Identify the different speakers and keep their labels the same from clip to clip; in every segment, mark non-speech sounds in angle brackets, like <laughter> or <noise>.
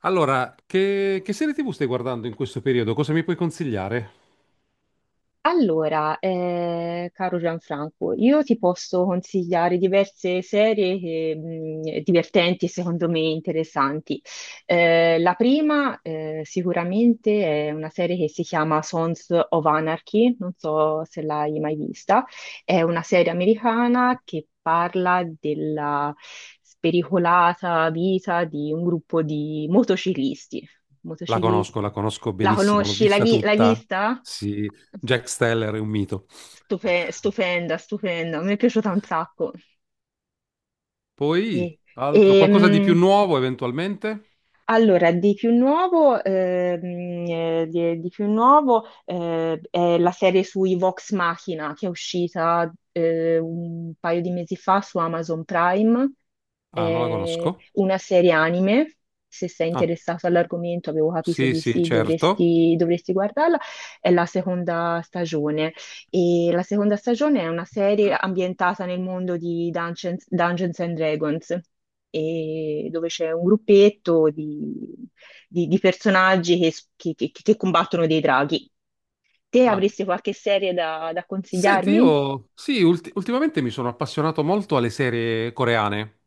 Speaker 1: Allora, che serie TV stai guardando in questo periodo? Cosa mi puoi consigliare?
Speaker 2: Allora, caro Gianfranco, io ti posso consigliare diverse serie che, divertenti e secondo me interessanti. La prima, sicuramente è una serie che si chiama Sons of Anarchy, non so se l'hai mai vista. È una serie americana che parla della spericolata vita di un gruppo di motociclisti. Motociclisti.
Speaker 1: La conosco
Speaker 2: La
Speaker 1: benissimo, l'ho
Speaker 2: conosci?
Speaker 1: vista
Speaker 2: L'hai
Speaker 1: tutta.
Speaker 2: vista?
Speaker 1: Sì, Jack Steller è un mito.
Speaker 2: Stupenda, stupenda, mi è piaciuta un sacco. E,
Speaker 1: Poi,
Speaker 2: e,
Speaker 1: altro, qualcosa di più
Speaker 2: mh,
Speaker 1: nuovo eventualmente?
Speaker 2: Allora, di più nuovo, di più nuovo, è la serie sui Vox Machina che è uscita, un paio di mesi fa su Amazon Prime,
Speaker 1: Ah, non la
Speaker 2: è
Speaker 1: conosco.
Speaker 2: una serie anime. Se sei
Speaker 1: Ah,
Speaker 2: interessato all'argomento, avevo capito
Speaker 1: sì,
Speaker 2: di
Speaker 1: sì,
Speaker 2: sì,
Speaker 1: certo.
Speaker 2: dovresti guardarla. È la seconda stagione. E la seconda stagione è una serie ambientata nel mondo di Dungeons and Dragons, e dove c'è un gruppetto di personaggi che combattono dei draghi. Te
Speaker 1: Ah.
Speaker 2: avresti qualche serie da
Speaker 1: Senti,
Speaker 2: consigliarmi?
Speaker 1: io sì, ultimamente mi sono appassionato molto alle serie coreane.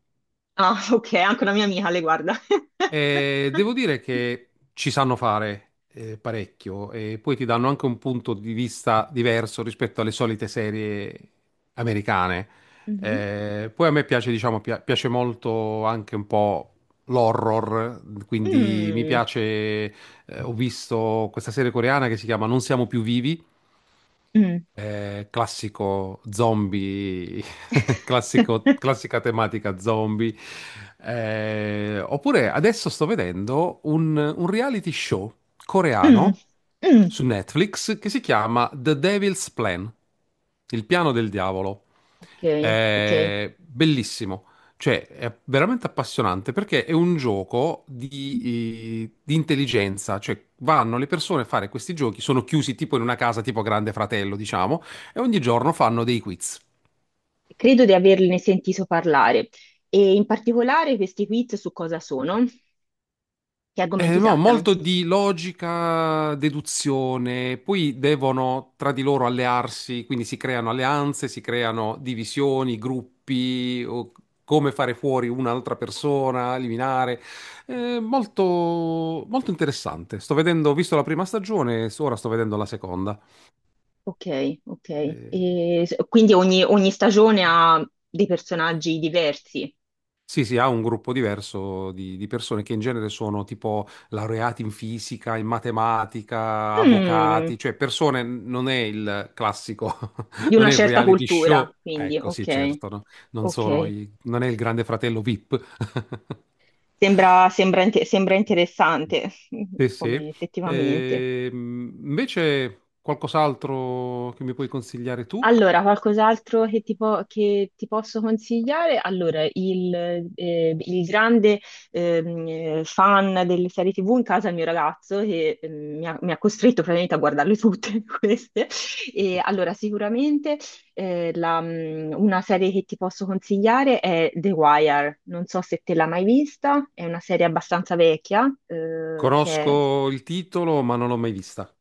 Speaker 2: Ah, <laughs> ok, anche una mia amica le guarda. <laughs>
Speaker 1: Devo dire che ci sanno fare parecchio e poi ti danno anche un punto di vista diverso rispetto alle solite serie americane.
Speaker 2: Mhm.
Speaker 1: Poi a me piace, diciamo, piace molto anche un po' l'horror, quindi mi
Speaker 2: Mm,
Speaker 1: piace, ho visto questa serie coreana che si chiama Non siamo più vivi,
Speaker 2: mm.
Speaker 1: classico zombie. <laughs> classico-
Speaker 2: <laughs>
Speaker 1: classica tematica zombie. Oppure adesso sto vedendo un reality show
Speaker 2: Mm,
Speaker 1: coreano
Speaker 2: mm.
Speaker 1: su Netflix che si chiama The Devil's Plan, il piano del diavolo.
Speaker 2: Ok, ok.
Speaker 1: Bellissimo, cioè, è veramente appassionante perché è un gioco di intelligenza, cioè vanno le persone a fare questi giochi, sono chiusi tipo in una casa tipo Grande Fratello, diciamo, e ogni giorno fanno dei quiz.
Speaker 2: Credo di averne sentito parlare. E in particolare questi quiz su cosa sono, che argomenti
Speaker 1: No,
Speaker 2: trattano.
Speaker 1: molto di logica, deduzione, poi devono tra di loro allearsi, quindi si creano alleanze, si creano divisioni, gruppi, o come fare fuori un'altra persona, eliminare. Molto, molto interessante. Sto vedendo, ho visto la prima stagione, ora sto vedendo la seconda.
Speaker 2: Ok, ok.
Speaker 1: Eh,
Speaker 2: Quindi ogni stagione ha dei personaggi diversi.
Speaker 1: Sì, sì, ha un gruppo diverso di, persone che in genere sono tipo laureati in fisica, in matematica,
Speaker 2: Mm,
Speaker 1: avvocati, cioè persone, non è il classico, <laughs>
Speaker 2: di
Speaker 1: non
Speaker 2: una
Speaker 1: è il
Speaker 2: certa
Speaker 1: reality show.
Speaker 2: cultura, quindi
Speaker 1: Ecco, sì,
Speaker 2: ok,
Speaker 1: certo, no? Non sono
Speaker 2: ok.
Speaker 1: i- non è il Grande Fratello VIP. <laughs>
Speaker 2: Sembra sembra interessante,
Speaker 1: Sì,
Speaker 2: <laughs>
Speaker 1: sì.
Speaker 2: come effettivamente.
Speaker 1: Invece qualcos'altro che mi puoi consigliare tu?
Speaker 2: Allora, qualcos'altro che che ti posso consigliare? Allora, il grande fan delle serie TV in casa è il mio ragazzo che mi ha costretto praticamente a guardarle tutte <laughs> queste. E allora, sicuramente, una serie che ti posso consigliare è The Wire. Non so se te l'hai mai vista, è una serie abbastanza vecchia, che è.
Speaker 1: Conosco il titolo, ma non l'ho mai vista.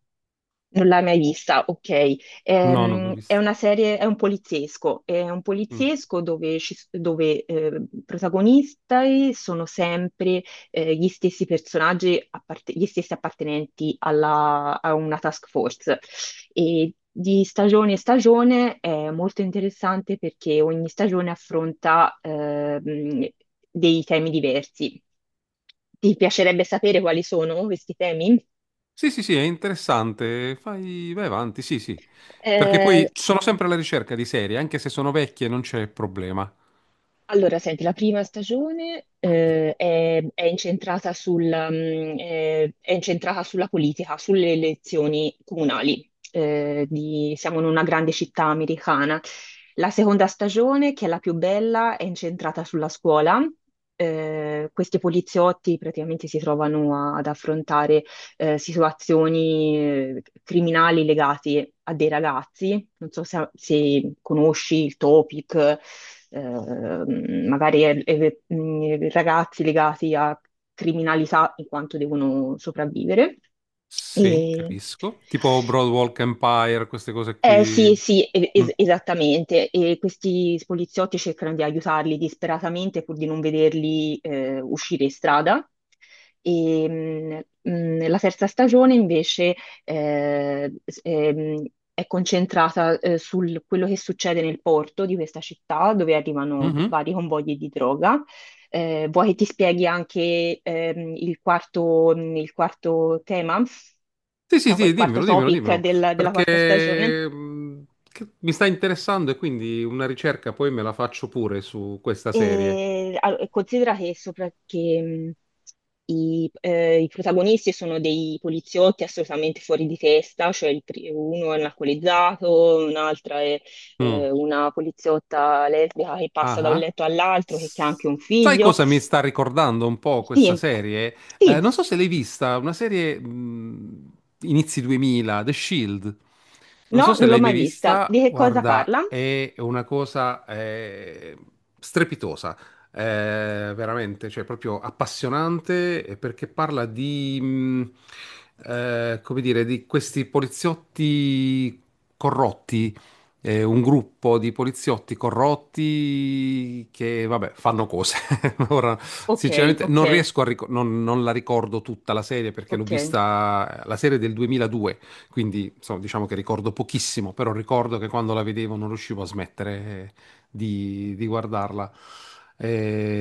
Speaker 2: Non l'hai mai vista, ok.
Speaker 1: No, non l'ho
Speaker 2: È
Speaker 1: vista.
Speaker 2: una serie, è un poliziesco,
Speaker 1: Mm.
Speaker 2: dove, dove, protagonisti sono sempre, gli stessi personaggi, gli stessi appartenenti a una task force. E di stagione in stagione è molto interessante perché ogni stagione affronta, dei temi diversi. Ti piacerebbe sapere quali sono questi temi?
Speaker 1: Sì, sì, sì, è interessante. Fai, vai avanti, sì, sì. Perché poi sono sempre alla ricerca di serie, anche se sono vecchie non c'è problema.
Speaker 2: Allora, senti, la prima stagione, è incentrata è incentrata sulla politica, sulle elezioni comunali. Siamo in una grande città americana. La seconda stagione, che è la più bella, è incentrata sulla scuola. Questi poliziotti praticamente si trovano ad affrontare, situazioni, criminali legate a dei ragazzi. Non so se conosci il topic, eh, magari ragazzi legati a criminalità in quanto devono sopravvivere.
Speaker 1: Sì,
Speaker 2: E,
Speaker 1: capisco. Tipo Broadwalk Empire, queste cose qui.
Speaker 2: sì, sì,
Speaker 1: Mm.
Speaker 2: esattamente. E questi poliziotti cercano di aiutarli disperatamente pur di non vederli, uscire in strada. E, mh, mh, Nella terza stagione invece eh, s- ehm, è concentrata, su quello che succede nel porto di questa città dove arrivano
Speaker 1: Mhm.
Speaker 2: vari convogli di droga. Vuoi che ti spieghi anche, il quarto, tema,
Speaker 1: Sì, sì,
Speaker 2: no, il
Speaker 1: sì,
Speaker 2: quarto
Speaker 1: dimmelo, dimmelo,
Speaker 2: topic
Speaker 1: dimmelo.
Speaker 2: della quarta stagione?
Speaker 1: Perché mi sta interessando e quindi una ricerca poi me la faccio pure su questa serie.
Speaker 2: Considera che, i protagonisti sono dei poliziotti assolutamente fuori di testa, cioè uno è un alcolizzato, un'altra è
Speaker 1: Mm.
Speaker 2: eh, una poliziotta lesbica che passa
Speaker 1: Ah,
Speaker 2: da un
Speaker 1: ah.
Speaker 2: letto all'altro, che ha anche un
Speaker 1: Sai
Speaker 2: figlio.
Speaker 1: cosa mi sta ricordando un po' questa
Speaker 2: Sì,
Speaker 1: serie?
Speaker 2: sì,
Speaker 1: Non so se l'hai vista, una serie inizi 2000, The Shield. Non
Speaker 2: no,
Speaker 1: so se
Speaker 2: non l'ho
Speaker 1: l'hai mai
Speaker 2: mai vista. Di
Speaker 1: vista,
Speaker 2: che cosa parla?
Speaker 1: guarda, è una cosa strepitosa, eh, veramente, cioè proprio appassionante perché parla di, come dire, di questi poliziotti corrotti, un gruppo di poliziotti corrotti che, vabbè, fanno cose. <laughs> Ora,
Speaker 2: Ok,
Speaker 1: sinceramente, non
Speaker 2: ok,
Speaker 1: riesco a ricordare, non la ricordo tutta la serie perché l'ho
Speaker 2: ok.
Speaker 1: vista, la serie del 2002, quindi insomma, diciamo che ricordo pochissimo, però ricordo che quando la vedevo non riuscivo a smettere, eh, di, guardarla.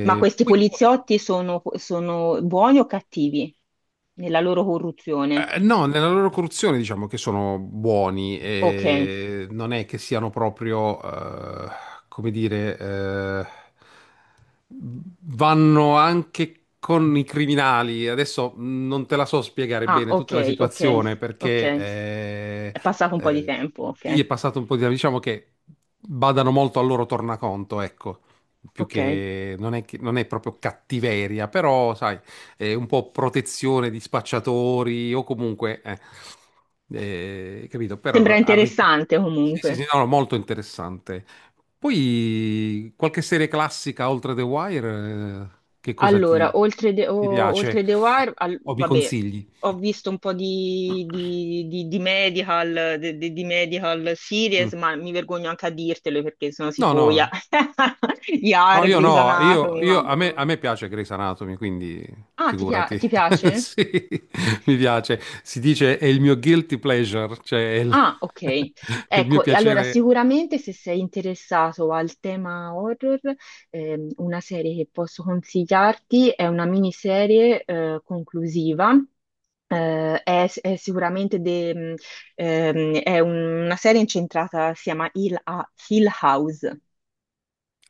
Speaker 2: Ma questi
Speaker 1: Poi
Speaker 2: poliziotti sono buoni o cattivi nella loro corruzione?
Speaker 1: No, nella loro corruzione diciamo che sono buoni,
Speaker 2: Ok,
Speaker 1: e non è che siano proprio, come dire, vanno anche con i criminali. Adesso non te la so spiegare
Speaker 2: ah,
Speaker 1: bene
Speaker 2: ok,
Speaker 1: tutta la
Speaker 2: ok,
Speaker 1: situazione
Speaker 2: ok.
Speaker 1: perché
Speaker 2: È passato un po' di
Speaker 1: eh,
Speaker 2: tempo, ok,
Speaker 1: sì, è passato un po' di tempo, diciamo che badano molto al loro tornaconto, ecco, più
Speaker 2: ok.
Speaker 1: che non è, non è proprio cattiveria, però sai, un po' protezione di spacciatori o comunque, capito, per
Speaker 2: Sembra
Speaker 1: arricchire.
Speaker 2: interessante
Speaker 1: Sì, sì, sì,
Speaker 2: comunque.
Speaker 1: no, no, molto interessante. Poi qualche serie classica oltre The Wire, che cosa
Speaker 2: Allora,
Speaker 1: ti, ti piace
Speaker 2: oltre The Wire,
Speaker 1: o mi
Speaker 2: vabbè,
Speaker 1: consigli?
Speaker 2: ho visto un po' di medical, di medical
Speaker 1: Mm.
Speaker 2: series, ma mi vergogno anche a dirtelo perché sono
Speaker 1: No,
Speaker 2: tipo, yeah.
Speaker 1: no,
Speaker 2: <laughs>
Speaker 1: no,
Speaker 2: Yar,
Speaker 1: io
Speaker 2: Grey's
Speaker 1: no,
Speaker 2: Anatomy, ma...
Speaker 1: a me,
Speaker 2: mm.
Speaker 1: a me piace Grey's Anatomy, quindi
Speaker 2: Ah,
Speaker 1: figurati,
Speaker 2: ti
Speaker 1: <laughs>
Speaker 2: piace?
Speaker 1: sì, mi piace. Si dice è il mio guilty pleasure, cioè
Speaker 2: Ah, ok.
Speaker 1: <laughs> è il mio
Speaker 2: Ecco, e allora
Speaker 1: piacere.
Speaker 2: sicuramente se sei interessato al tema horror, una serie che posso consigliarti è una miniserie, conclusiva. È sicuramente una serie incentrata, si chiama Hill House.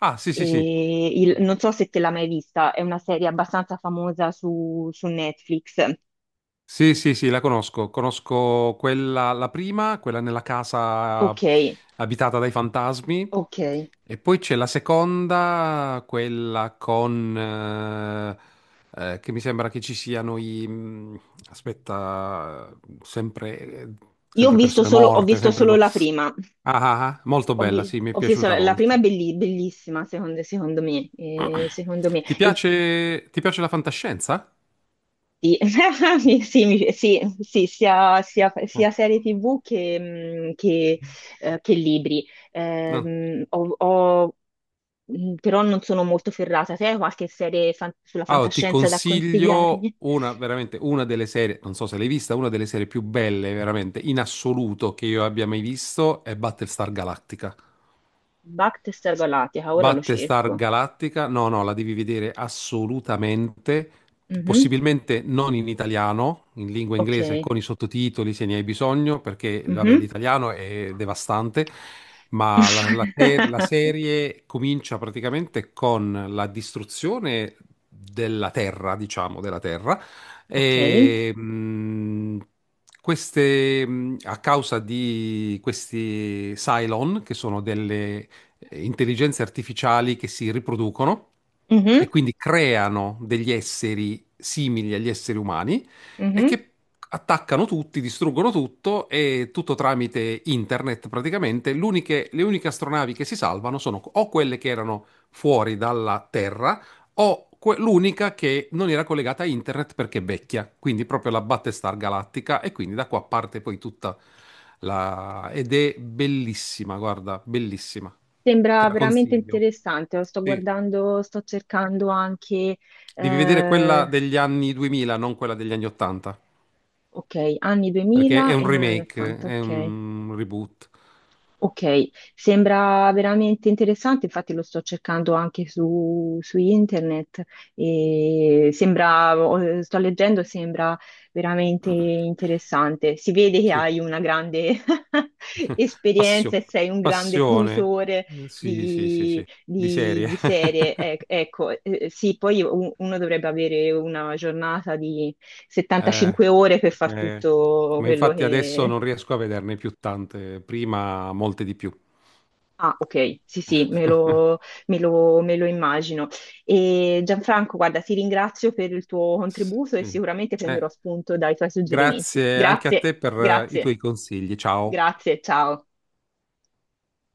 Speaker 1: Ah, sì, sì, sì.
Speaker 2: Non so se te l'hai mai vista, è una serie abbastanza famosa su Netflix.
Speaker 1: Sì, sì, sì, la conosco. Conosco quella, la prima, quella nella casa
Speaker 2: Ok,
Speaker 1: abitata dai fantasmi.
Speaker 2: ok.
Speaker 1: E poi c'è la seconda, quella con che mi sembra che ci siano i, aspetta, sempre,
Speaker 2: Io ho
Speaker 1: sempre
Speaker 2: visto
Speaker 1: persone
Speaker 2: solo, ho
Speaker 1: morte,
Speaker 2: visto
Speaker 1: sempre...
Speaker 2: solo
Speaker 1: co-
Speaker 2: la prima.
Speaker 1: Ah, ah, ah, molto bella, sì, mi è
Speaker 2: Ho visto
Speaker 1: piaciuta
Speaker 2: la prima, è
Speaker 1: molto.
Speaker 2: bellissima, secondo me. Secondo me.
Speaker 1: <clears throat> Ti piace la fantascienza?
Speaker 2: Sì, <laughs> sì, sì, sì, sia serie TV che libri.
Speaker 1: Mm.
Speaker 2: Però non sono molto ferrata. Te hai qualche serie sulla
Speaker 1: Allora, ti
Speaker 2: fantascienza da
Speaker 1: consiglio
Speaker 2: consigliarmi?
Speaker 1: una, veramente una delle serie, non so se l'hai vista, una delle serie più belle veramente in assoluto che io abbia mai visto è Battlestar Galactica.
Speaker 2: Battlestar Galactica, ora lo
Speaker 1: Battlestar
Speaker 2: cerco.
Speaker 1: Galactica, no, no, la devi vedere assolutamente,
Speaker 2: Mhm.
Speaker 1: possibilmente non in italiano, in lingua inglese
Speaker 2: Ok.
Speaker 1: con i sottotitoli se ne hai bisogno, perché vabbè,
Speaker 2: Mhm.
Speaker 1: l'italiano è devastante, ma la, la se- la
Speaker 2: <laughs>
Speaker 1: serie comincia praticamente con la distruzione della Terra, diciamo, della Terra,
Speaker 2: Ok.
Speaker 1: e a causa di questi Cylon, che sono delle intelligenze artificiali che si riproducono e
Speaker 2: Mhm,
Speaker 1: quindi creano degli esseri simili agli esseri umani e
Speaker 2: mhm.
Speaker 1: che attaccano tutti, distruggono tutto e tutto tramite internet praticamente. Le uniche astronavi che si salvano sono o quelle che erano fuori dalla Terra o l'unica che non era collegata a internet perché è vecchia, quindi proprio la Battlestar Galattica e quindi da qua parte poi ed è bellissima, guarda, bellissima. Te
Speaker 2: Sembra
Speaker 1: la
Speaker 2: veramente
Speaker 1: consiglio.
Speaker 2: interessante, lo sto
Speaker 1: Sì.
Speaker 2: guardando, sto cercando anche,
Speaker 1: Devi vedere
Speaker 2: eh,
Speaker 1: quella degli anni 2000, non quella degli anni 80,
Speaker 2: ok, anni
Speaker 1: perché è
Speaker 2: 2000 e
Speaker 1: un
Speaker 2: non anni
Speaker 1: remake,
Speaker 2: 80,
Speaker 1: è
Speaker 2: ok.
Speaker 1: un reboot.
Speaker 2: Ok, sembra veramente interessante, infatti lo sto cercando anche su internet e sembra, sto leggendo, sembra veramente interessante. Si vede che
Speaker 1: Sì,
Speaker 2: hai una grande <laughs> esperienza e
Speaker 1: Passio-
Speaker 2: sei un grande
Speaker 1: passione.
Speaker 2: fruitore
Speaker 1: Sì, sì, sì, sì, di serie.
Speaker 2: di serie.
Speaker 1: <laughs>
Speaker 2: Ecco, sì, poi uno dovrebbe avere una giornata di
Speaker 1: Eh,
Speaker 2: 75 ore per far
Speaker 1: eh,
Speaker 2: tutto
Speaker 1: Ma
Speaker 2: quello.
Speaker 1: infatti adesso non riesco a vederne più tante, prima molte di più.
Speaker 2: Ah, ok, sì, sì,
Speaker 1: <laughs>
Speaker 2: me lo immagino. E Gianfranco, guarda, ti ringrazio per il tuo contributo e
Speaker 1: Sì.
Speaker 2: sicuramente prenderò
Speaker 1: Eh,
Speaker 2: spunto dai tuoi suggerimenti.
Speaker 1: Grazie anche a
Speaker 2: Grazie,
Speaker 1: te per i
Speaker 2: grazie,
Speaker 1: tuoi consigli. Ciao.
Speaker 2: grazie, ciao.